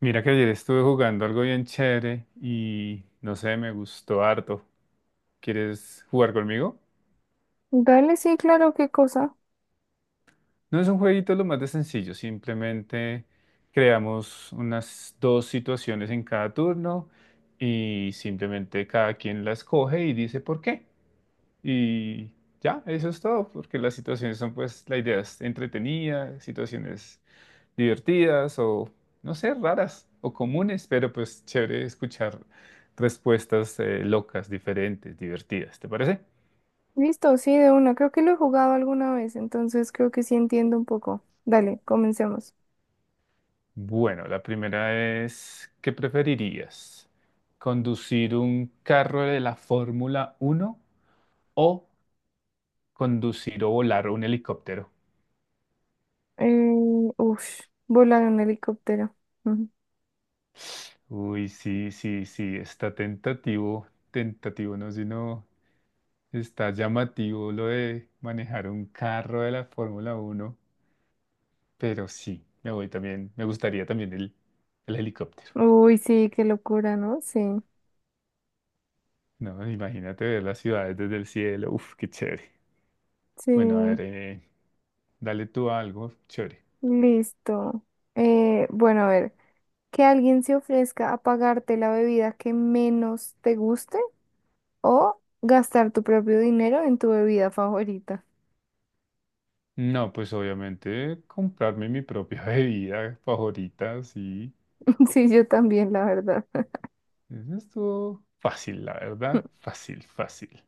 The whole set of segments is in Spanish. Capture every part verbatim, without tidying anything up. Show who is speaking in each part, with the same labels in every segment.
Speaker 1: Mira que ayer estuve jugando algo bien chévere y no sé, me gustó harto. ¿Quieres jugar conmigo?
Speaker 2: Dale, sí, claro, qué cosa.
Speaker 1: No, es un jueguito lo más de sencillo, simplemente creamos unas dos situaciones en cada turno y simplemente cada quien las coge y dice por qué. Y ya, eso es todo, porque las situaciones son pues, la idea es entretenida, situaciones divertidas o, no sé, raras o comunes, pero pues chévere escuchar respuestas eh, locas, diferentes, divertidas, ¿te parece?
Speaker 2: Listo, sí, de una. Creo que lo he jugado alguna vez, entonces creo que sí entiendo un poco. Dale, comencemos.
Speaker 1: Bueno, la primera es, ¿qué preferirías? ¿Conducir un carro de la Fórmula uno o conducir o volar un helicóptero?
Speaker 2: Eh, ush, Volar en helicóptero. Ujú.
Speaker 1: Uy, sí, sí, sí, está tentativo, tentativo, no, sino está llamativo lo de manejar un carro de la Fórmula uno. Pero sí, me voy también, me gustaría también el, el helicóptero.
Speaker 2: Uy, sí, qué locura, ¿no? Sí,
Speaker 1: No, imagínate ver las ciudades desde el cielo. Uf, qué chévere. Bueno, a
Speaker 2: sí,
Speaker 1: ver, eh, dale tú algo chévere.
Speaker 2: listo. Eh, bueno, a ver, que alguien se ofrezca a pagarte la bebida que menos te guste o gastar tu propio dinero en tu bebida favorita.
Speaker 1: No, pues obviamente comprarme mi propia bebida favorita, sí.
Speaker 2: Sí, yo también, la verdad.
Speaker 1: Eso estuvo fácil, la verdad. Fácil, fácil.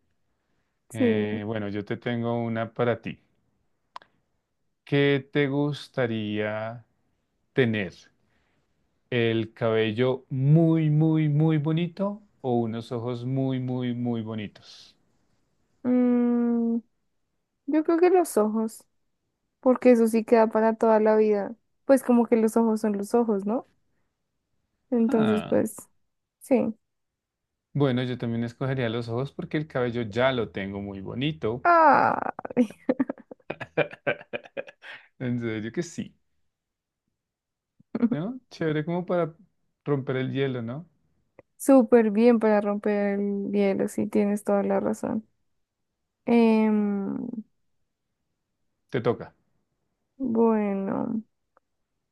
Speaker 2: Sí.
Speaker 1: Eh, bueno, yo te tengo una para ti. ¿Qué te gustaría tener? ¿El cabello muy, muy, muy bonito o unos ojos muy, muy, muy bonitos?
Speaker 2: Mm, Yo creo que los ojos, porque eso sí queda para toda la vida. Pues como que los ojos son los ojos, ¿no? Entonces,
Speaker 1: Ah,
Speaker 2: pues, sí.
Speaker 1: bueno, yo también escogería los ojos porque el cabello ya lo tengo muy bonito.
Speaker 2: Ah,
Speaker 1: En serio que sí, ¿no? Chévere como para romper el hielo, ¿no?
Speaker 2: súper bien para romper el hielo, sí, tienes toda la razón. Em,
Speaker 1: Te toca.
Speaker 2: bueno,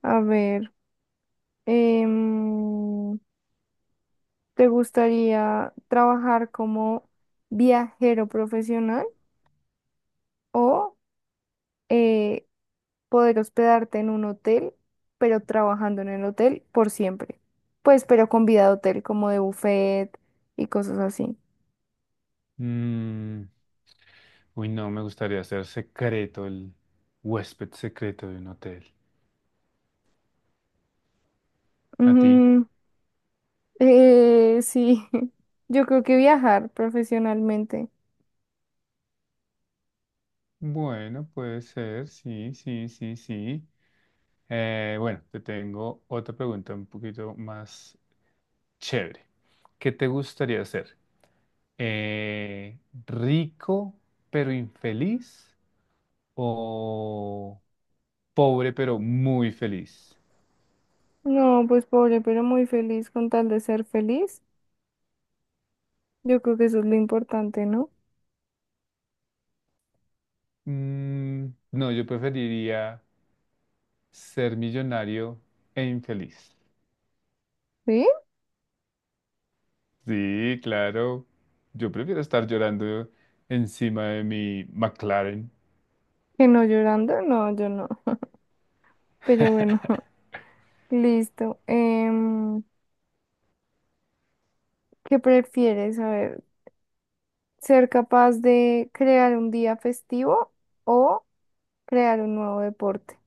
Speaker 2: a ver, em, ¿te gustaría trabajar como viajero profesional o eh, poder hospedarte en un hotel, pero trabajando en el hotel por siempre? Pues, pero con vida de hotel, como de buffet y cosas así.
Speaker 1: Mm, uy, no, me gustaría ser secreto, el huésped secreto de un hotel. ¿A ti?
Speaker 2: Mm, eh, sí, yo creo que viajar profesionalmente.
Speaker 1: Bueno, puede ser, sí, sí, sí, sí. Eh, bueno, te tengo otra pregunta un poquito más chévere. ¿Qué te gustaría ser? Eh, ¿Rico pero infeliz o pobre pero muy feliz?
Speaker 2: No, pues pobre, pero muy feliz con tal de ser feliz. Yo creo que eso es lo importante, ¿no?
Speaker 1: Mm, no, yo preferiría ser millonario e infeliz.
Speaker 2: ¿Sí?
Speaker 1: Sí, claro. Yo prefiero estar llorando encima de mi McLaren.
Speaker 2: Que no llorando, no, yo no. Pero bueno, listo. Em, ¿qué prefieres? A ver. Ser capaz de crear un día festivo o crear un nuevo deporte.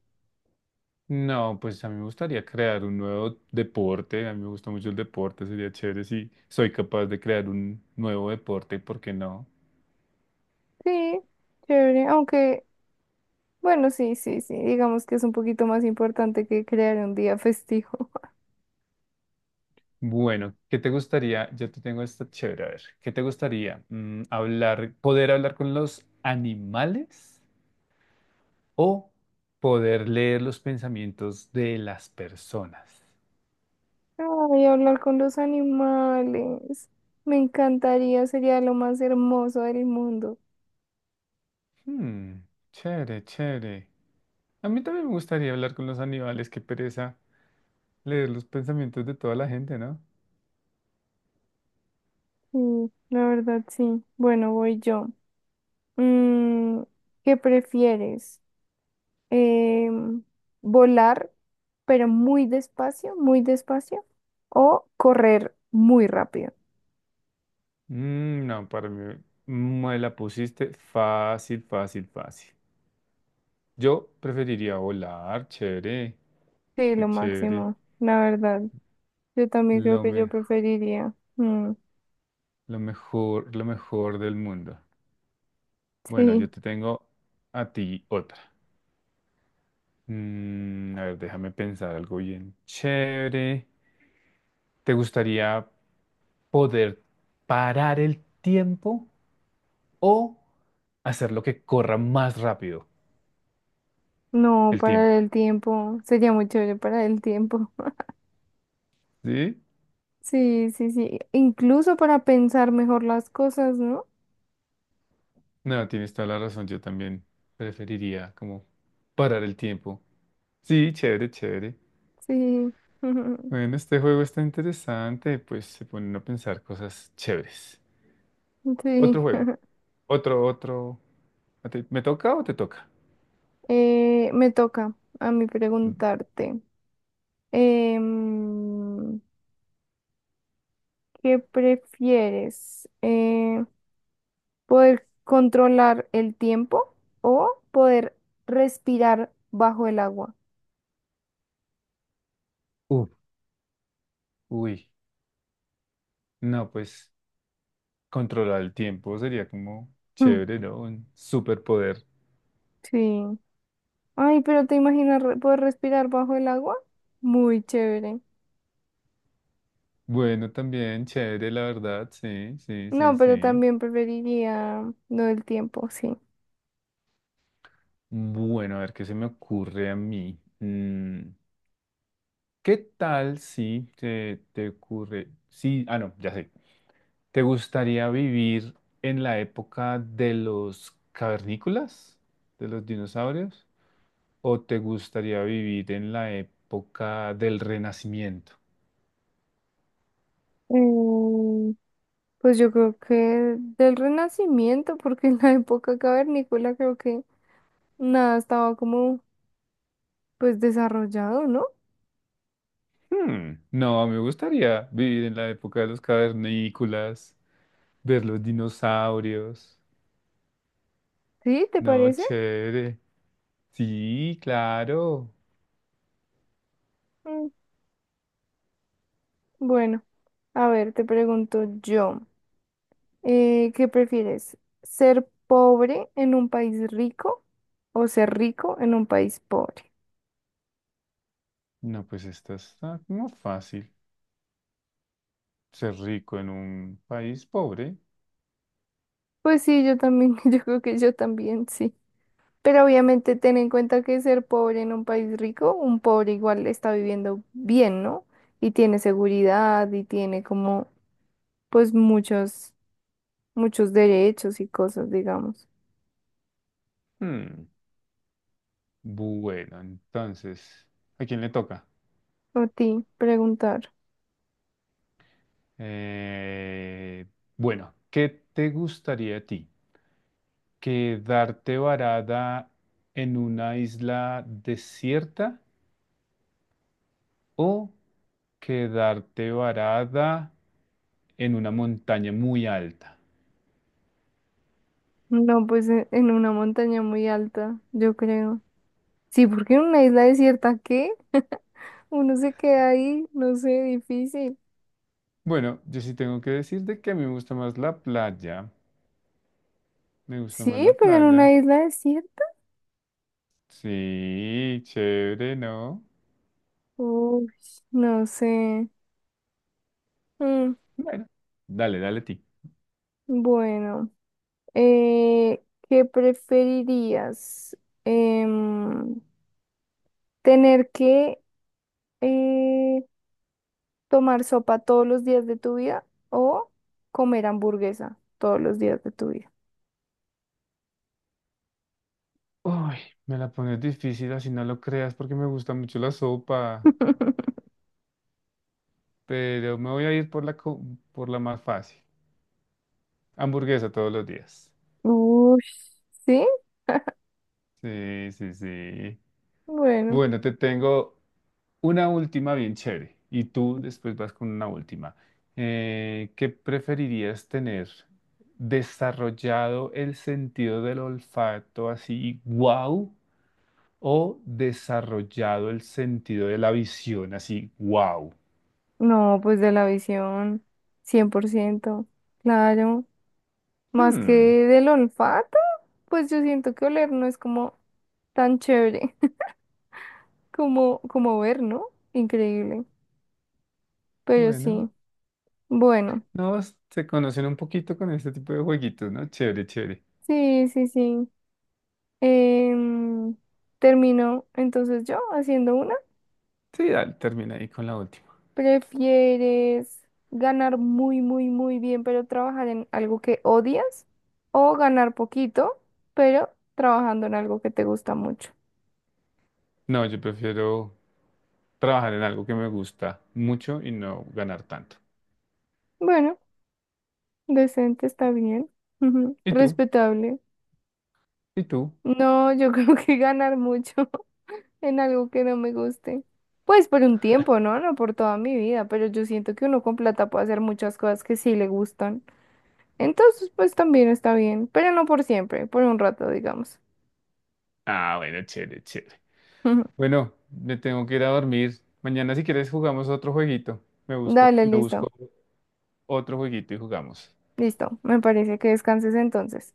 Speaker 1: No, pues a mí me gustaría crear un nuevo deporte, a mí me gusta mucho el deporte, sería chévere si soy capaz de crear un nuevo deporte, ¿por qué no?
Speaker 2: Sí, chévere, aunque, bueno, sí, sí, sí, digamos que es un poquito más importante que crear un día festivo.
Speaker 1: Bueno, ¿qué te gustaría? Yo te tengo esta chévere, a ver, ¿qué te gustaría? Mm, hablar, poder hablar con los animales o poder leer los pensamientos de las personas.
Speaker 2: Ay, hablar con los animales, me encantaría, sería lo más hermoso del mundo.
Speaker 1: Hmm, chévere, chévere. A mí también me gustaría hablar con los animales, qué pereza leer los pensamientos de toda la gente, ¿no?
Speaker 2: Sí, la verdad, sí. Bueno, voy yo. Mm, ¿Qué prefieres? em, Volar, pero muy despacio, muy despacio, o correr muy rápido.
Speaker 1: Mm, no, para mí me la pusiste fácil, fácil, fácil. Yo preferiría volar, chévere,
Speaker 2: Sí,
Speaker 1: qué
Speaker 2: lo
Speaker 1: chévere.
Speaker 2: máximo, la verdad. Yo también creo
Speaker 1: Lo
Speaker 2: que yo
Speaker 1: mejor,
Speaker 2: preferiría. Mm,
Speaker 1: lo mejor, lo mejor del mundo. Bueno,
Speaker 2: sí,
Speaker 1: yo te tengo a ti otra. Mm, a ver, déjame pensar algo bien chévere. ¿Te gustaría poder parar el tiempo o hacer lo que corra más rápido
Speaker 2: no,
Speaker 1: el
Speaker 2: para
Speaker 1: tiempo?
Speaker 2: el tiempo. Sería muy chévere para el tiempo.
Speaker 1: ¿Sí?
Speaker 2: Sí, sí, sí. Incluso para pensar mejor las cosas, ¿no?
Speaker 1: No, tienes toda la razón, yo también preferiría como parar el tiempo. Sí, chévere, chévere.
Speaker 2: Sí.
Speaker 1: Bueno, este juego está interesante, pues se ponen a pensar cosas chéveres.
Speaker 2: Sí.
Speaker 1: Otro juego, otro, otro. ¿A ti- ¿Me toca o te toca?
Speaker 2: Eh, me toca a mí preguntarte. Em, ¿Qué prefieres? Eh, ¿poder controlar el tiempo o poder respirar bajo el agua?
Speaker 1: Uf, uy, no, pues controlar el tiempo sería como
Speaker 2: Mm,
Speaker 1: chévere, ¿no? Un superpoder.
Speaker 2: sí. Ay, pero ¿te imaginas re- poder respirar bajo el agua? Muy chévere.
Speaker 1: Bueno, también chévere, la verdad, sí, sí, sí,
Speaker 2: No, pero
Speaker 1: sí.
Speaker 2: también preferiría lo del tiempo, sí.
Speaker 1: Bueno, a ver qué se me ocurre a mí. Mm. ¿Qué tal si te, te ocurre, sí, ah, no, ya sé, ¿te gustaría vivir en la época de los cavernícolas, de los dinosaurios, o te gustaría vivir en la época del Renacimiento?
Speaker 2: Mm, pues yo creo que del Renacimiento, porque en la época cavernícola creo que nada estaba como pues desarrollado, ¿no?
Speaker 1: Hmm, no, me gustaría vivir en la época de los cavernícolas, ver los dinosaurios.
Speaker 2: ¿Sí? ¿Te
Speaker 1: No,
Speaker 2: parece?
Speaker 1: chévere. Sí, claro.
Speaker 2: Bueno, a ver, te pregunto yo, eh, ¿qué prefieres? ¿Ser pobre en un país rico o ser rico en un país pobre?
Speaker 1: No, pues esta está como fácil, ser rico en un país pobre.
Speaker 2: Pues sí, yo también, yo creo que yo también, sí. Pero obviamente ten en cuenta que ser pobre en un país rico, un pobre igual está viviendo bien, ¿no? Y tiene seguridad y tiene como, pues muchos, muchos derechos y cosas, digamos.
Speaker 1: Hmm, bueno, entonces, ¿a quién le toca?
Speaker 2: A ti, preguntar.
Speaker 1: Eh, bueno, ¿qué te gustaría a ti? ¿Quedarte varada en una isla desierta o quedarte varada en una montaña muy alta?
Speaker 2: No, pues e- en una montaña muy alta, yo creo. Sí, porque en una isla desierta, ¿qué? Uno se queda ahí, no sé, difícil.
Speaker 1: Bueno, yo sí tengo que decirte que a mí me gusta más la playa. Me gusta más
Speaker 2: Sí,
Speaker 1: la
Speaker 2: pero en
Speaker 1: playa.
Speaker 2: una isla desierta.
Speaker 1: Sí, chévere, ¿no?
Speaker 2: Uy, no sé. Mm,
Speaker 1: Bueno, dale, dale a ti.
Speaker 2: bueno, eh, ¿qué preferirías? Em, ¿Tener que eh, tomar sopa todos los días de tu vida o comer hamburguesa todos los días de tu vida?
Speaker 1: Uy, me la pones difícil, así no lo creas, porque me gusta mucho la sopa, pero me voy a ir por la, co- por la más fácil. Hamburguesa todos los días.
Speaker 2: Uy, sí,
Speaker 1: Sí, sí, sí.
Speaker 2: bueno.
Speaker 1: Bueno, te tengo una última bien chévere, y tú después vas con una última. Eh, ¿qué preferirías tener? ¿Desarrollado el sentido del olfato así, wow? ¿O desarrollado el sentido de la visión así, wow?
Speaker 2: No, pues de la visión, cien por ciento claro. Más que del olfato, pues yo siento que oler no es como tan chévere como, como ver, ¿no? Increíble. Pero
Speaker 1: Bueno,
Speaker 2: sí, bueno,
Speaker 1: no, se conocen un poquito con este tipo de jueguitos, ¿no? Chévere, chévere.
Speaker 2: sí, sí, sí. Em, Termino entonces yo haciendo una.
Speaker 1: Sí, dale, termina ahí con la última.
Speaker 2: ¿Prefieres ganar muy, muy, muy bien, pero trabajar en algo que odias? ¿O ganar poquito, pero trabajando en algo que te gusta mucho?
Speaker 1: No, yo prefiero trabajar en algo que me gusta mucho y no ganar tanto.
Speaker 2: Bueno. Decente está bien. Ujú.
Speaker 1: ¿Y tú?
Speaker 2: Respetable.
Speaker 1: ¿Y tú?
Speaker 2: No, yo creo que ganar mucho en algo que no me guste. Pues por un tiempo, ¿no? No por toda mi vida, pero yo siento que uno con plata puede hacer muchas cosas que sí le gustan. Entonces, pues también está bien, pero no por siempre, por un rato, digamos.
Speaker 1: Ah, bueno, chévere, chévere. Bueno, me tengo que ir a dormir. Mañana si quieres jugamos otro jueguito. Me busco,
Speaker 2: Dale,
Speaker 1: me
Speaker 2: listo,
Speaker 1: busco otro jueguito y jugamos.
Speaker 2: listo. Me parece que descanses entonces.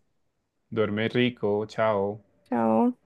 Speaker 1: Duerme rico, chao.
Speaker 2: Chao.